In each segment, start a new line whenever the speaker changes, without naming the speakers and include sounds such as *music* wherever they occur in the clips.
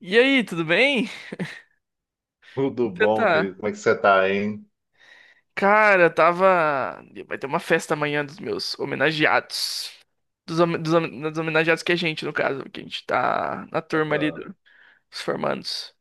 E aí, tudo bem?
Tudo
Você
bom, querido?
tá?
Como é que você tá, hein?
Cara, tava. Vai ter uma festa amanhã dos meus homenageados. Dos homenageados que é a gente, no caso, que a gente tá na turma ali do-
Ah.
dos formandos.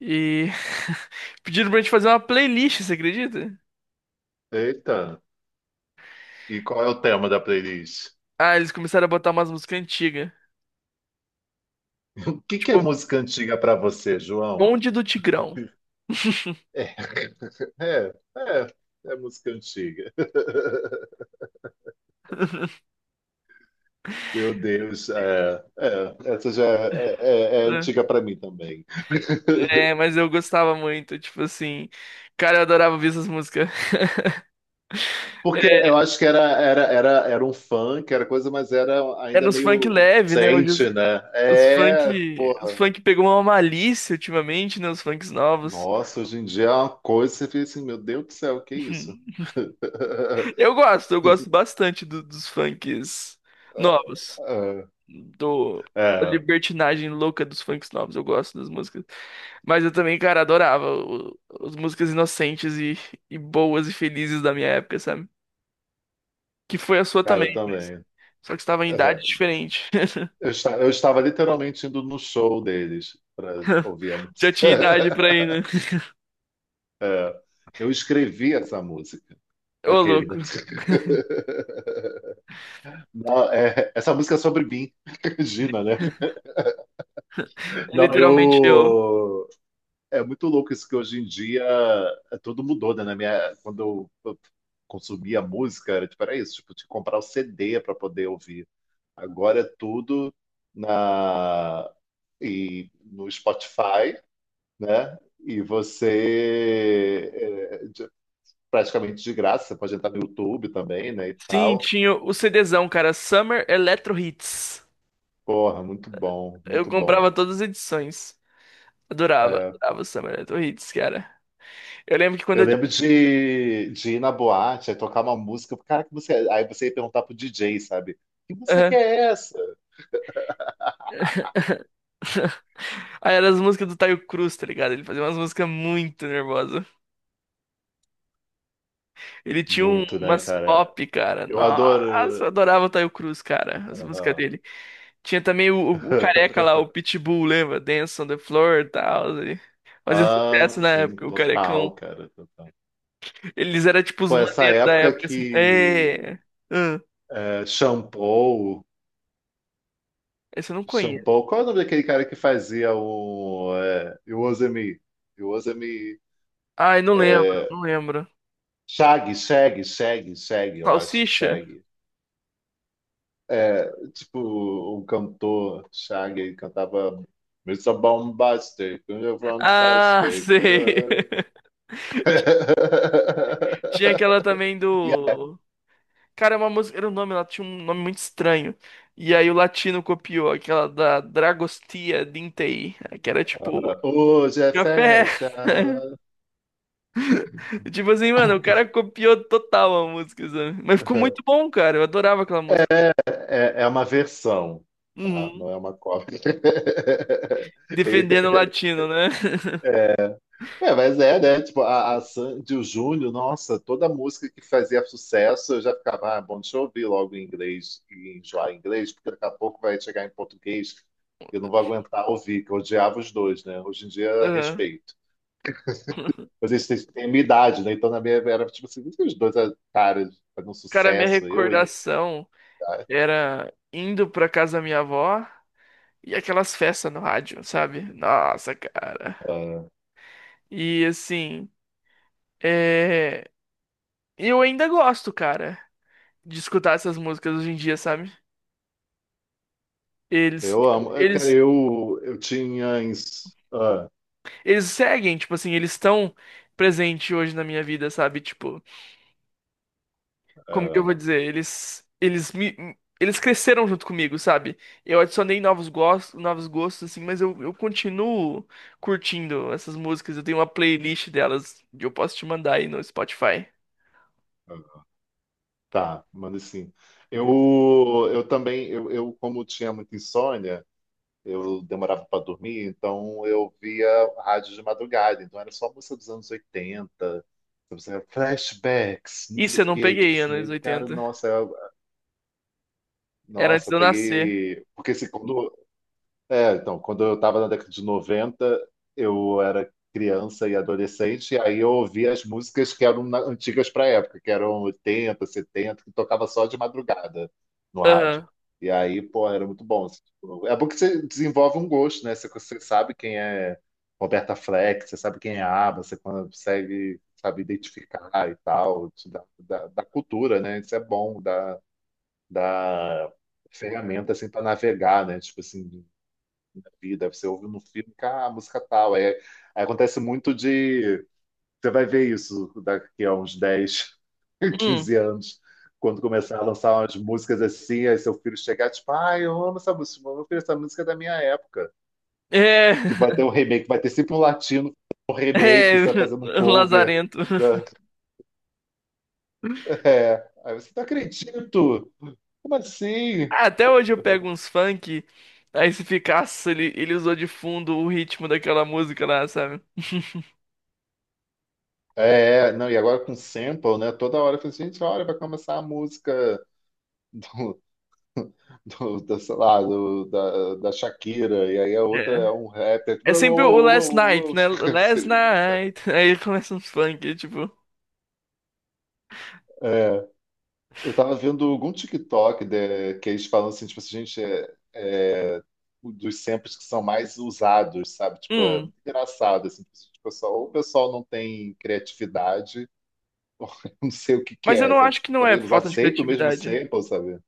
E *laughs* pediram pra gente fazer uma playlist, você acredita?
Eita, e qual é o tema da playlist?
Ah, eles começaram a botar umas músicas antigas.
*laughs* O que que é
Tipo,
música antiga pra você, João?
Bonde do Tigrão. *laughs*
É, *laughs* é, é, é música antiga. *laughs* Meu Deus, essa já é, é
É,
antiga pra mim também.
é,
*laughs*
mas eu gostava muito, tipo assim. Cara, eu adorava ouvir essas músicas. *laughs*
Porque eu acho que era um funk, era coisa, mas era
É
ainda
nos funk
meio
leve, né? Hoje.
inocente, né?
Os
É,
funk, os funk pegou uma malícia ultimamente, né? Os funks novos.
Nossa, hoje em dia é uma coisa, que você fica assim, meu Deus do céu, que isso?
*laughs*
*laughs*
Eu gosto bastante dos funks novos. Do, da
É,
libertinagem louca dos funks novos, eu gosto das músicas. Mas eu também, cara, adorava as músicas inocentes e boas e felizes da minha época, sabe? Que foi a sua
cara, eu
também,
também.
só que estava em idade
É.
diferente. *laughs*
Eu estava literalmente indo no show deles para ouvir a
Já
música.
tinha idade pra ir,
*laughs*
né?
É. Eu escrevi essa música,
Ô,
aquele.
louco.
*laughs* Não, é, essa música é sobre mim, *laughs* Gina, né?
É
Não,
literalmente eu.
eu. É muito louco isso que hoje em dia é, tudo mudou, né? Na minha, quando eu consumia música, era tipo, era isso, tipo, tinha que comprar o CD para poder ouvir. Agora é tudo na e no Spotify, né? E você é, de- praticamente de graça, você pode entrar no YouTube também, né? E
Sim,
tal.
tinha o CDzão, cara. Summer Electro Hits.
Porra, muito bom,
Eu
muito bom.
comprava todas as edições. Adorava,
É,
adorava o Summer Night Hits, cara. Eu lembro que quando
Eu
eu.
lembro de ir na boate, aí tocar uma música, cara, que música é? Aí você ia perguntar pro DJ, sabe? Que música que
Aham.
é essa?
*laughs* Aí eram as músicas do Taio Cruz, tá ligado? Ele fazia umas músicas muito nervosas. Ele tinha
Muito, né,
umas
cara?
pop, cara.
Eu
Nossa,
adoro.
eu adorava o Taio Cruz, cara. As músicas
Aham.
dele. Tinha também o, o careca lá, o
*laughs*
Pitbull, lembra? Dance on the Floor e tal. Fazia
Ah,
sucesso na
sim,
época, o carecão.
total, cara, total.
Eles eram tipo os
Pô, essa
maneiros da
época
época, assim.
que
É. Ah,
é Shampoo.
esse eu não conheço.
Shampoo, qual é o nome daquele cara que fazia o é, You Use Me? You Use Me.
Ai, não lembro,
É,
não lembro.
Shaggy, eu acho,
Salsicha?
Shaggy. É, tipo, um cantor, Shaggy, ele cantava Mr. Bombastic, Mr.
Ah,
Fantastic.
sei. *laughs* Tinha aquela
*laughs*
também do. Cara, é uma música. Era um nome, ela tinha um nome muito estranho. E aí o latino copiou aquela da Dragostea Dintei, que era tipo.
Hoje é
Café!
festa.
*laughs* Tipo assim, mano, o cara copiou total a música, sabe? Mas ficou muito bom, cara. Eu adorava aquela música.
É, é uma versão, tá?
Uhum.
Não é uma cópia. *laughs* E-
Defendendo o latino, né?
Ué, mas é, né? Tipo, a Sandy, o Júnior, nossa, toda música que fazia sucesso, eu já ficava, ah, bom, deixa eu ouvir logo em inglês e enjoar em inglês, porque daqui a pouco vai chegar em português e eu não vou aguentar ouvir, que eu odiava os dois, né? Hoje em
*laughs*
dia,
Aham.
respeito. Mas eles têm a minha idade, né? Então, na minha era tipo assim, os dois caras fazendo
Cara, minha
sucesso, eu, hein?
recordação
Ah,
era indo pra casa da minha avó. E aquelas festas no rádio, sabe? Nossa, cara.
ah,
E assim, é... eu ainda gosto, cara, de escutar essas músicas hoje em dia, sabe? Eles,
eu
tipo,
amo. Cara,
eles,
eu tinha. Ins- Ah,
eles seguem, tipo assim, eles estão presentes hoje na minha vida, sabe? Tipo, como que eu vou dizer? Eles cresceram junto comigo, sabe? Eu adicionei novos gostos, assim, mas eu continuo curtindo essas músicas. Eu tenho uma playlist delas que eu posso te mandar aí no Spotify.
ah, tá, manda sim. Eu, eu também, eu como tinha muita insônia, eu demorava para dormir, então eu via rádio de madrugada, então era só música dos anos 80, sabe, assim, flashbacks, não sei
Isso eu
o
não
quê, tipo
peguei
assim,
anos
eu, cara,
oitenta
nossa. Eu-
Era antes
nossa,
de eu nascer.
peguei, porque assim, quando é, então, quando eu estava na década de 90, eu era criança e adolescente, e aí eu ouvia as músicas que antigas para a época, que eram 80, 70, que tocava só de madrugada no rádio.
Aham.
E aí, pô, era muito bom, assim, tipo. É bom que você desenvolve um gosto, né? Você, você sabe quem é Roberta Fleck, você sabe quem é ABBA, você consegue, sabe, identificar e tal, te dá cultura, né? Isso é bom, dá, dá ferramenta assim para navegar, né? Tipo assim, na vida, você ouve no filme, ah, a música tal. Aí acontece muito de. Você vai ver isso daqui a uns dez *laughs*
Hum.
quinze anos, quando começar a lançar umas músicas assim, aí seu filho chegar, tipo, ah, eu amo essa música, meu filho, essa música é da minha época.
É.
Que vai ter um
*laughs*
remake, vai ter sempre um latino, um
É.
remake, sabe, fazendo um
*laughs*
cover.
Lazarento.
Da- *laughs* É. Aí você, não acredito! Como assim?
Ah, até hoje eu pego uns funk. Aí se ficasse, ele usou de fundo o ritmo daquela música lá, sabe? *laughs*
É, não, e agora com sample, né? Toda hora eu falo assim, gente, olha, vai começar a música *laughs* sei lá, da Shakira, e aí a outra
É.
é um rapper. Tipo,
É
uou,
sempre
uou,
o
uou, uou,
Last
uou,
Night,
uou.
né?
*laughs*
Last
Seria.
Night. *laughs* Aí começa uns funk, tipo.
É, eu tava vendo algum TikTok de- que eles falam assim, tipo assim, gente, dos samples que são mais usados, sabe? Tipo, é
Hum.
muito engraçado, assim, tipo, o pessoal- ou o pessoal não tem criatividade, *laughs* não sei o que que
Mas eu
é,
não
sabe?
acho que
Tipo,
não é
talvez usar
falta de
sempre o mesmo
criatividade.
sample, sabe?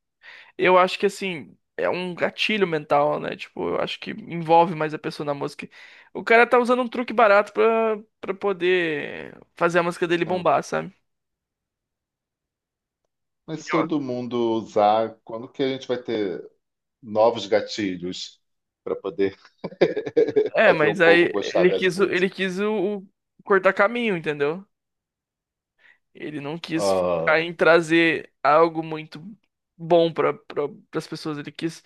Eu acho que assim, é um gatilho mental, né? Tipo, eu acho que envolve mais a pessoa na música. O cara tá usando um truque barato pra poder fazer a música dele bombar,
É.
sabe?
Mas se todo mundo usar, quando que a gente vai ter novos gatilhos para poder *laughs*
É,
fazer o
mas
povo
aí
gostar das músicas.
ele quis o cortar caminho, entendeu? Ele não quis ficar
Ah,
em trazer algo muito bom pra, pras pessoas. Ele quis,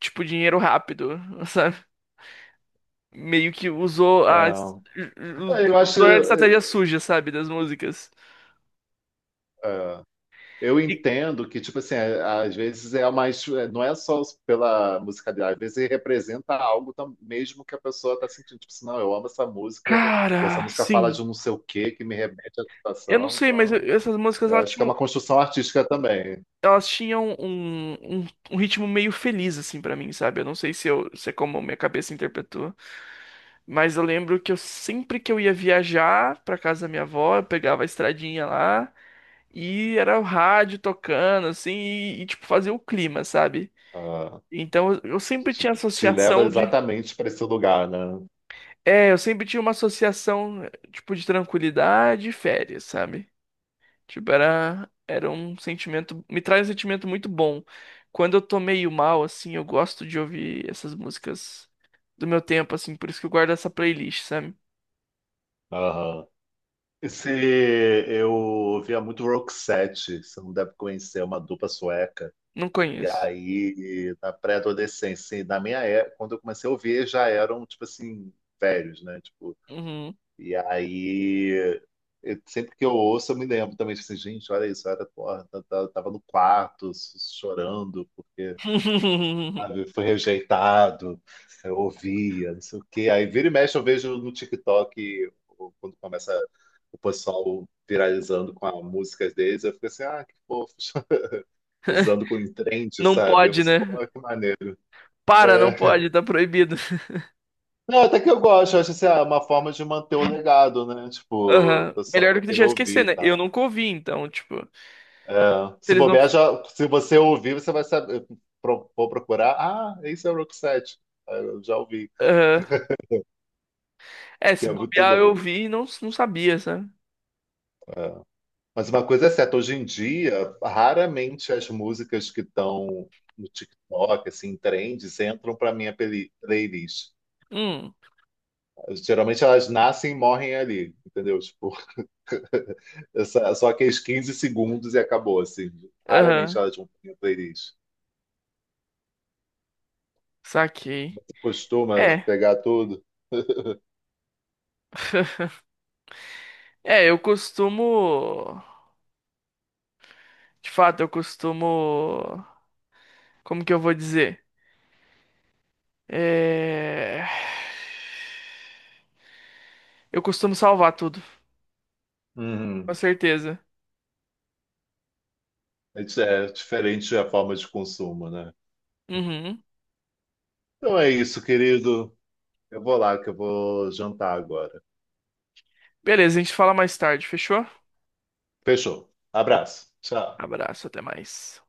tipo, dinheiro rápido, *laughs* sabe? Meio que usou a,
é. Eu acho,
usou a estratégia suja, sabe? Das músicas.
é, é, eu entendo que, tipo assim, é- às vezes é mais. É, Não é só pela musicalidade, às vezes representa algo tam- mesmo que a pessoa está sentindo. Tipo assim, não, eu amo essa música, e essa
Cara,
música fala
sim.
de um não sei o quê que me remete à
Eu não
situação.
sei, mas
Então,
essas músicas
eu
elas
acho que é
tinham,
uma construção artística também.
elas tinham um, um, um ritmo meio feliz, assim, pra mim, sabe? Eu não sei se é como minha cabeça interpretou, mas eu lembro que eu sempre que eu ia viajar pra casa da minha avó, eu pegava a estradinha lá e era o rádio tocando, assim, e, tipo, fazia o clima, sabe?
Ah,
Então eu sempre
te,
tinha
te leva
associação de.
exatamente para esse lugar, né?
É, eu sempre tinha uma associação, tipo, de tranquilidade e férias, sabe? Tipo, era um sentimento. Me traz um sentimento muito bom. Quando eu tô meio mal, assim, eu gosto de ouvir essas músicas do meu tempo, assim, por isso que eu guardo essa playlist, sabe?
Aham. Esse, eu via muito Roxette, você não deve conhecer, é uma dupla sueca.
Não
E
conheço.
aí, na pré-adolescência, e na minha época, quando eu comecei a ouvir, já eram, tipo assim, velhos, né? Tipo,
Uhum.
e aí, eu- sempre que eu ouço, eu me lembro também, tipo assim, gente, olha isso, eu era, porra, eu tava no quarto, chorando,
*laughs*
sabe? Fui rejeitado, eu ouvia, não sei o quê. Aí vira e mexe eu vejo no TikTok, o- quando começa o pessoal viralizando com as músicas deles, eu fico assim, ah, que fofo, *laughs* usando com entrente,
Não
sabe? Eu
pode,
pensei, pô,
né?
que maneiro.
Para, não
É.
pode, tá proibido.
Não, até que eu gosto, eu acho assim, ah, uma forma de manter o legado, né? Tipo, o
Aham.
pessoal
Melhor do
vai
que
querer
deixar
ouvir
esquecer,
e
né? Eu
tal.
nunca ouvi, então, tipo, se
É. Se
eles não.
bobear, já, se você ouvir, você vai saber, pro- vou procurar, ah, esse é o Roxette. Ah, eu já ouvi,
Aham. É,
que
se
é muito
bobear, eu
louco.
ouvi e não sabia, sabe?
É. Mas uma coisa é certa, hoje em dia, raramente as músicas que estão no TikTok, assim, em trends, entram para minha playlist.
Hum,
Geralmente elas nascem e morrem ali, entendeu? Tipo, *laughs* essa- só aqueles 15 segundos e acabou, assim. Raramente
aham,
elas vão para minha playlist.
saquei.
Costuma
É,
pegar tudo. *laughs*
é, eu costumo. De fato, eu costumo. Como que eu vou dizer? É... Eu costumo salvar tudo, com
Uhum.
certeza.
É diferente a forma de consumo, né?
Uhum.
Então é isso, querido. Eu vou lá, que eu vou jantar agora.
Beleza, a gente fala mais tarde, fechou?
Fechou. Abraço. Tchau.
Abraço, até mais.